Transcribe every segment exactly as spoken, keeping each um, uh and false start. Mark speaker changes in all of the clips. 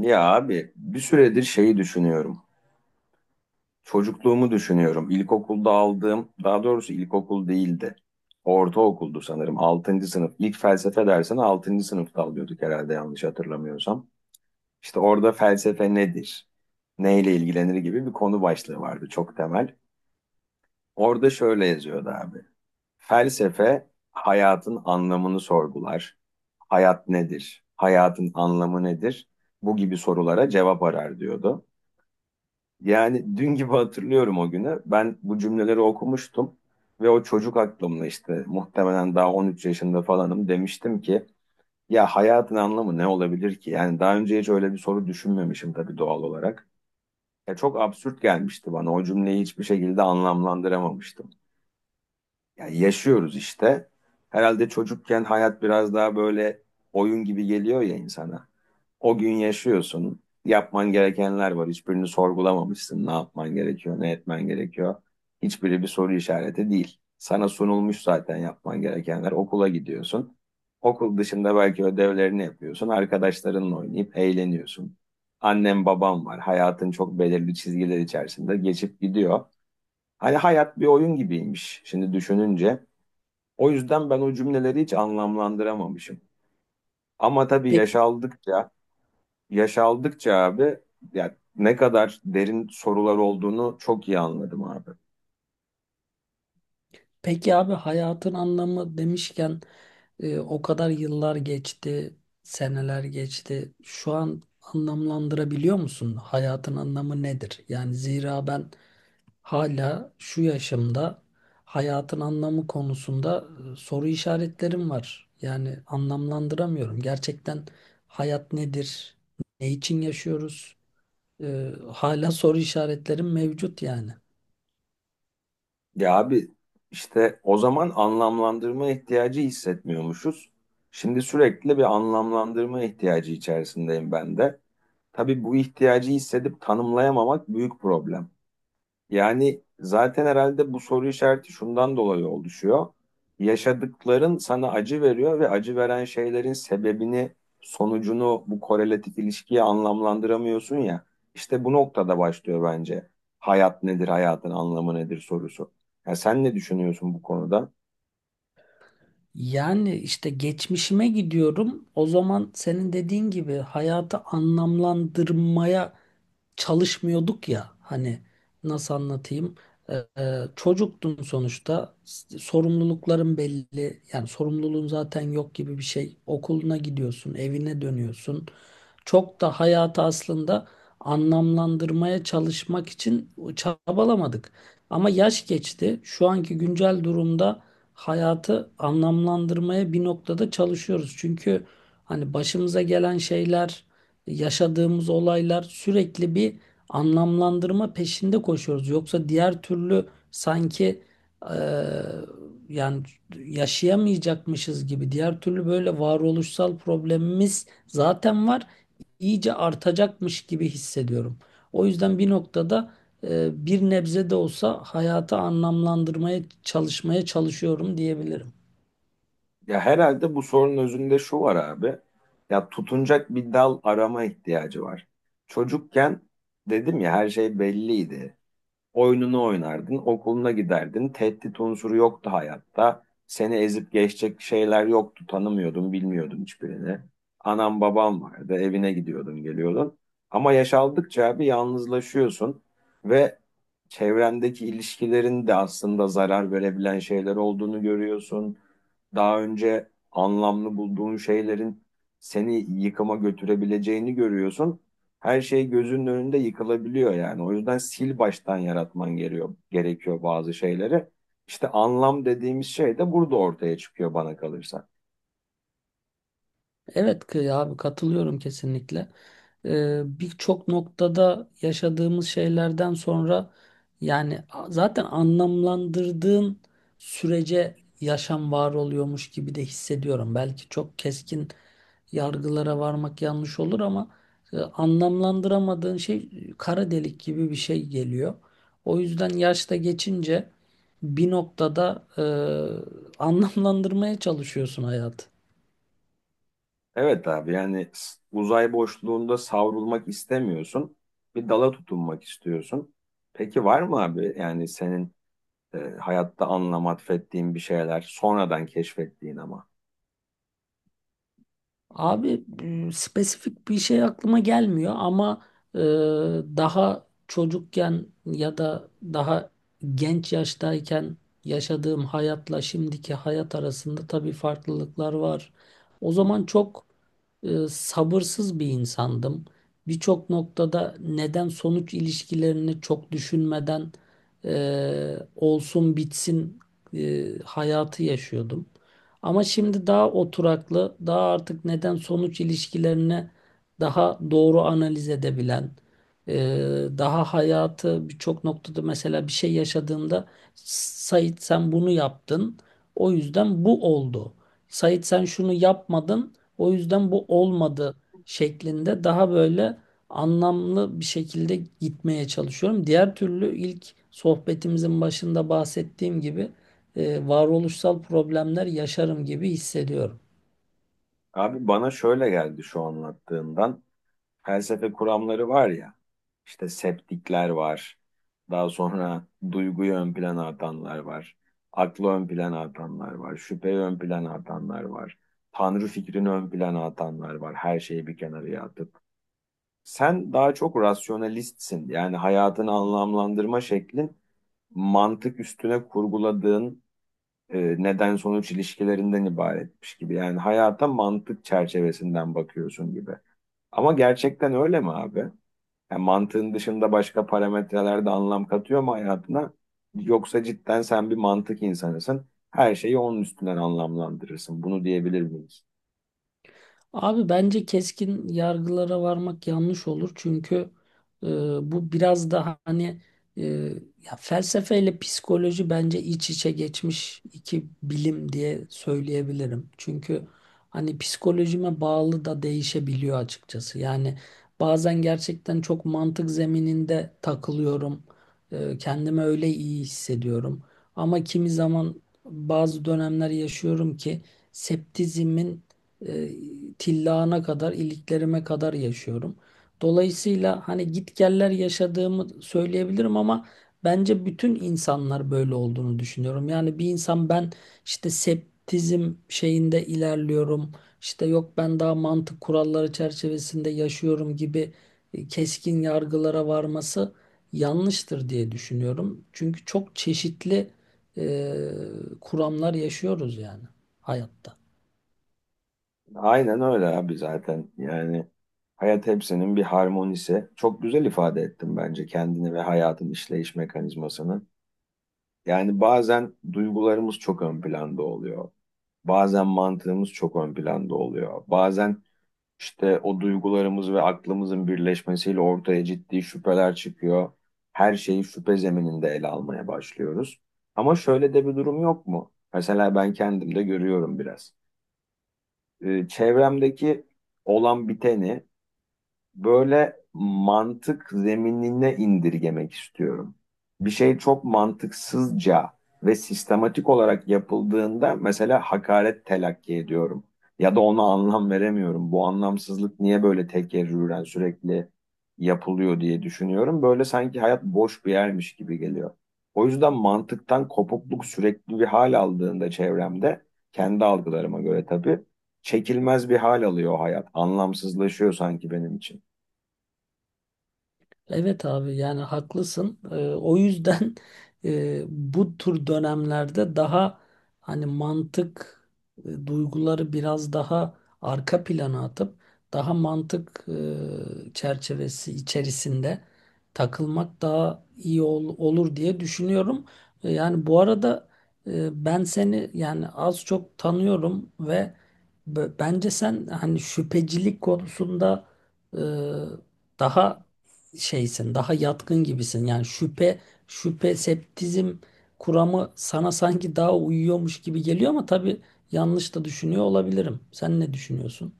Speaker 1: Ya abi bir süredir şeyi düşünüyorum. Çocukluğumu düşünüyorum. İlkokulda aldığım, daha doğrusu ilkokul değildi. Ortaokuldu sanırım. Altıncı sınıf. İlk felsefe dersini altıncı sınıfta alıyorduk herhalde yanlış hatırlamıyorsam. İşte orada felsefe nedir? Neyle ilgilenir gibi bir konu başlığı vardı çok temel. Orada şöyle yazıyordu abi. Felsefe hayatın anlamını sorgular. Hayat nedir? Hayatın anlamı nedir? Bu gibi sorulara cevap arar diyordu. Yani dün gibi hatırlıyorum o günü. Ben bu cümleleri okumuştum ve o çocuk aklımla işte muhtemelen daha on üç yaşında falanım demiştim ki ya hayatın anlamı ne olabilir ki? Yani daha önce hiç öyle bir soru düşünmemişim tabii doğal olarak. Ya çok absürt gelmişti bana. O cümleyi hiçbir şekilde anlamlandıramamıştım. Yani yaşıyoruz işte. Herhalde çocukken hayat biraz daha böyle oyun gibi geliyor ya insana. O gün yaşıyorsun. Yapman gerekenler var. Hiçbirini sorgulamamışsın. Ne yapman gerekiyor, ne etmen gerekiyor. Hiçbiri bir soru işareti değil. Sana sunulmuş zaten yapman gerekenler. Okula gidiyorsun. Okul dışında belki ödevlerini yapıyorsun. Arkadaşlarınla oynayıp eğleniyorsun. Annem babam var. Hayatın çok belirli çizgiler içerisinde geçip gidiyor. Hani hayat bir oyun gibiymiş. Şimdi düşününce o yüzden ben o cümleleri hiç anlamlandıramamışım. Ama tabii yaş
Speaker 2: Peki,
Speaker 1: aldıkça, yaş aldıkça abi ya ne kadar derin sorular olduğunu çok iyi anladım abi.
Speaker 2: peki abi hayatın anlamı demişken e, o kadar yıllar geçti, seneler geçti. Şu an anlamlandırabiliyor musun? Hayatın anlamı nedir? Yani zira ben hala şu yaşımda hayatın anlamı konusunda e, soru işaretlerim var. Yani anlamlandıramıyorum. Gerçekten hayat nedir? Ne için yaşıyoruz? Ee, hala soru işaretlerim mevcut yani.
Speaker 1: Ya abi işte o zaman anlamlandırma ihtiyacı hissetmiyormuşuz. Şimdi sürekli bir anlamlandırma ihtiyacı içerisindeyim ben de. Tabii bu ihtiyacı hissedip tanımlayamamak büyük problem. Yani zaten herhalde bu soru işareti şundan dolayı oluşuyor. Yaşadıkların sana acı veriyor ve acı veren şeylerin sebebini, sonucunu bu korelatif ilişkiye anlamlandıramıyorsun ya. İşte bu noktada başlıyor bence. Hayat nedir, hayatın anlamı nedir sorusu. Ya sen ne düşünüyorsun bu konuda?
Speaker 2: Yani işte geçmişime gidiyorum. O zaman senin dediğin gibi hayatı anlamlandırmaya çalışmıyorduk ya. Hani nasıl anlatayım? Ee, e, çocuktun sonuçta. S- Sorumlulukların belli. Yani sorumluluğun zaten yok gibi bir şey. Okuluna gidiyorsun, evine dönüyorsun. Çok da hayatı aslında anlamlandırmaya çalışmak için çabalamadık. Ama yaş geçti. Şu anki güncel durumda hayatı anlamlandırmaya bir noktada çalışıyoruz. Çünkü hani başımıza gelen şeyler, yaşadığımız olaylar sürekli bir anlamlandırma peşinde koşuyoruz. Yoksa diğer türlü sanki eee, yani yaşayamayacakmışız gibi diğer türlü böyle varoluşsal problemimiz zaten var, iyice artacakmış gibi hissediyorum. O yüzden bir noktada e, bir nebze de olsa hayatı anlamlandırmaya çalışmaya çalışıyorum diyebilirim.
Speaker 1: Ya herhalde bu sorunun özünde şu var abi. Ya tutunacak bir dal arama ihtiyacı var. Çocukken dedim ya her şey belliydi. Oyununu oynardın, okuluna giderdin. Tehdit unsuru yoktu hayatta. Seni ezip geçecek şeyler yoktu. Tanımıyordun, bilmiyordun hiçbirini. Anam babam vardı, evine gidiyordun, geliyordun. Ama yaş aldıkça bir yalnızlaşıyorsun ve çevrendeki ilişkilerin de aslında zarar verebilen şeyler olduğunu görüyorsun. Daha önce anlamlı bulduğun şeylerin seni yıkıma götürebileceğini görüyorsun, her şey gözünün önünde yıkılabiliyor yani. O yüzden sil baştan yaratman gerekiyor, gerekiyor bazı şeyleri. İşte anlam dediğimiz şey de burada ortaya çıkıyor bana kalırsa.
Speaker 2: Evet ki abi, katılıyorum kesinlikle. E, birçok noktada yaşadığımız şeylerden sonra, yani a- zaten anlamlandırdığın sürece yaşam var oluyormuş gibi de hissediyorum. Belki çok keskin yargılara varmak yanlış olur ama e, anlamlandıramadığın şey e, kara delik gibi bir şey geliyor. O yüzden yaşta geçince bir noktada e, anlamlandırmaya çalışıyorsun hayatı.
Speaker 1: Evet abi yani s- uzay boşluğunda savrulmak istemiyorsun. Bir dala tutunmak istiyorsun. Peki var mı abi yani senin e, hayatta anlam atfettiğin bir şeyler sonradan keşfettiğin ama?
Speaker 2: Abi, e, spesifik bir şey aklıma gelmiyor ama e, daha çocukken ya da daha genç yaştayken yaşadığım hayatla şimdiki hayat arasında tabii farklılıklar var. O zaman çok e, sabırsız bir insandım. Birçok noktada neden sonuç ilişkilerini çok düşünmeden e, olsun bitsin e, hayatı yaşıyordum. Ama şimdi daha oturaklı, daha artık neden sonuç ilişkilerini daha doğru analiz edebilen, e, daha hayatı birçok noktada, mesela bir şey yaşadığında, Sait sen bunu yaptın, o yüzden bu oldu. Sait sen şunu yapmadın, o yüzden bu olmadı şeklinde daha böyle anlamlı bir şekilde gitmeye çalışıyorum. Diğer türlü, ilk sohbetimizin başında bahsettiğim gibi, e, varoluşsal problemler yaşarım gibi hissediyorum.
Speaker 1: Abi bana şöyle geldi şu anlattığından. Felsefe kuramları var ya, işte septikler var, daha sonra duyguyu ön plana atanlar var, aklı ön plana atanlar var, şüpheyi ön plana atanlar var, tanrı fikrini ön plana atanlar var, her şeyi bir kenara atıp. Sen daha çok rasyonalistsin, yani hayatını anlamlandırma şeklin mantık üstüne kurguladığın e, neden sonuç ilişkilerinden ibaretmiş gibi. Yani hayata mantık çerçevesinden bakıyorsun gibi. Ama gerçekten öyle mi abi? Yani mantığın dışında başka parametreler de anlam katıyor mu hayatına? Yoksa cidden sen bir mantık insanısın. Her şeyi onun üstünden anlamlandırırsın. Bunu diyebilir miyiz?
Speaker 2: Abi bence keskin yargılara varmak yanlış olur. Çünkü e, bu biraz da hani, e, ya, felsefeyle psikoloji bence iç içe geçmiş iki bilim diye söyleyebilirim. Çünkü hani psikolojime bağlı da değişebiliyor açıkçası. Yani bazen gerçekten çok mantık zemininde takılıyorum. E, kendimi öyle iyi hissediyorum. Ama kimi zaman bazı dönemler yaşıyorum ki septizimin e, tillağına kadar, iliklerime kadar yaşıyorum. Dolayısıyla hani gitgeller yaşadığımı söyleyebilirim, ama bence bütün insanlar böyle olduğunu düşünüyorum. Yani bir insan, ben işte septizm şeyinde ilerliyorum, işte yok ben daha mantık kuralları çerçevesinde yaşıyorum gibi e, keskin yargılara varması yanlıştır diye düşünüyorum. Çünkü çok çeşitli e, kuramlar yaşıyoruz yani hayatta.
Speaker 1: Aynen öyle abi zaten. Yani hayat hepsinin bir harmonisi. Çok güzel ifade ettim bence kendini ve hayatın işleyiş mekanizmasını. Yani bazen duygularımız çok ön planda oluyor. Bazen mantığımız çok ön planda oluyor. Bazen İşte o duygularımız ve aklımızın birleşmesiyle ortaya ciddi şüpheler çıkıyor. Her şeyi şüphe zemininde ele almaya başlıyoruz. Ama şöyle de bir durum yok mu? Mesela ben kendimde görüyorum biraz. Ee, çevremdeki olan biteni böyle mantık zeminine indirgemek istiyorum. Bir şey çok mantıksızca ve sistematik olarak yapıldığında mesela hakaret telakki ediyorum. Ya da ona anlam veremiyorum. Bu anlamsızlık niye böyle tekerrüren sürekli yapılıyor diye düşünüyorum. Böyle sanki hayat boş bir yermiş gibi geliyor. O yüzden mantıktan kopukluk sürekli bir hal aldığında çevremde, kendi algılarıma göre tabii, çekilmez bir hal alıyor hayat. Anlamsızlaşıyor sanki benim için.
Speaker 2: Evet abi, yani haklısın. Ee, o yüzden e, bu tür dönemlerde daha hani mantık, e, duyguları biraz daha arka plana atıp daha mantık e, çerçevesi içerisinde takılmak daha iyi ol- olur diye düşünüyorum. E, yani bu arada, e, ben seni yani az çok tanıyorum ve b- bence sen hani şüphecilik konusunda e, daha şeysin, daha yatkın gibisin. Yani şüphe, şüphe, septizm kuramı sana sanki daha uyuyormuş gibi geliyor, ama tabii yanlış da düşünüyor olabilirim. Sen ne düşünüyorsun?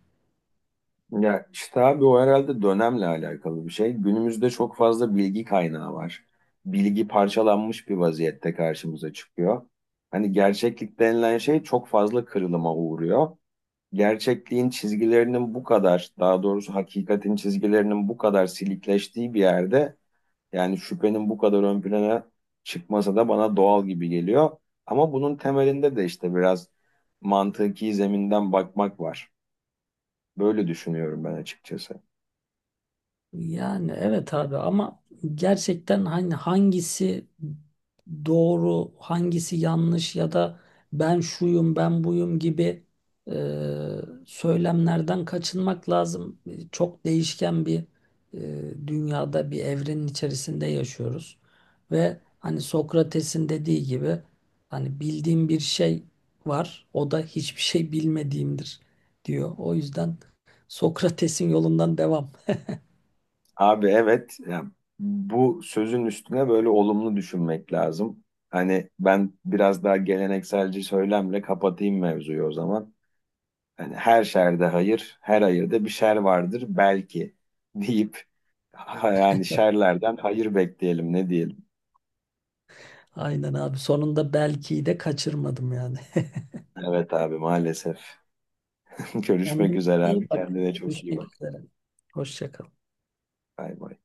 Speaker 1: Ya işte abi o herhalde dönemle alakalı bir şey. Günümüzde çok fazla bilgi kaynağı var. Bilgi parçalanmış bir vaziyette karşımıza çıkıyor. Hani gerçeklik denilen şey çok fazla kırılıma uğruyor. Gerçekliğin çizgilerinin bu kadar, daha doğrusu hakikatin çizgilerinin bu kadar silikleştiği bir yerde, yani şüphenin bu kadar ön plana çıkmasa da bana doğal gibi geliyor. Ama bunun temelinde de işte biraz mantıki zeminden bakmak var. Böyle düşünüyorum ben açıkçası.
Speaker 2: Yani evet abi, ama gerçekten hani hangisi doğru, hangisi yanlış ya da ben şuyum, ben buyum gibi e, söylemlerden kaçınmak lazım. Çok değişken bir e, dünyada, bir evrenin içerisinde yaşıyoruz. Ve hani Sokrates'in dediği gibi, hani bildiğim bir şey var, o da hiçbir şey bilmediğimdir diyor. O yüzden Sokrates'in yolundan devam.
Speaker 1: Abi evet yani bu sözün üstüne böyle olumlu düşünmek lazım. Hani ben biraz daha gelenekselci söylemle kapatayım mevzuyu o zaman. Hani her şerde hayır, her hayırda bir şer vardır belki deyip ha- yani şerlerden hayır bekleyelim ne diyelim.
Speaker 2: Aynen abi. Sonunda belki de kaçırmadım yani.
Speaker 1: Evet abi maalesef. Görüşmek
Speaker 2: Kendine
Speaker 1: üzere abi,
Speaker 2: iyi bak.
Speaker 1: kendine çok iyi
Speaker 2: Görüşmek
Speaker 1: bak.
Speaker 2: üzere. Hoşça kal.
Speaker 1: Bay bay.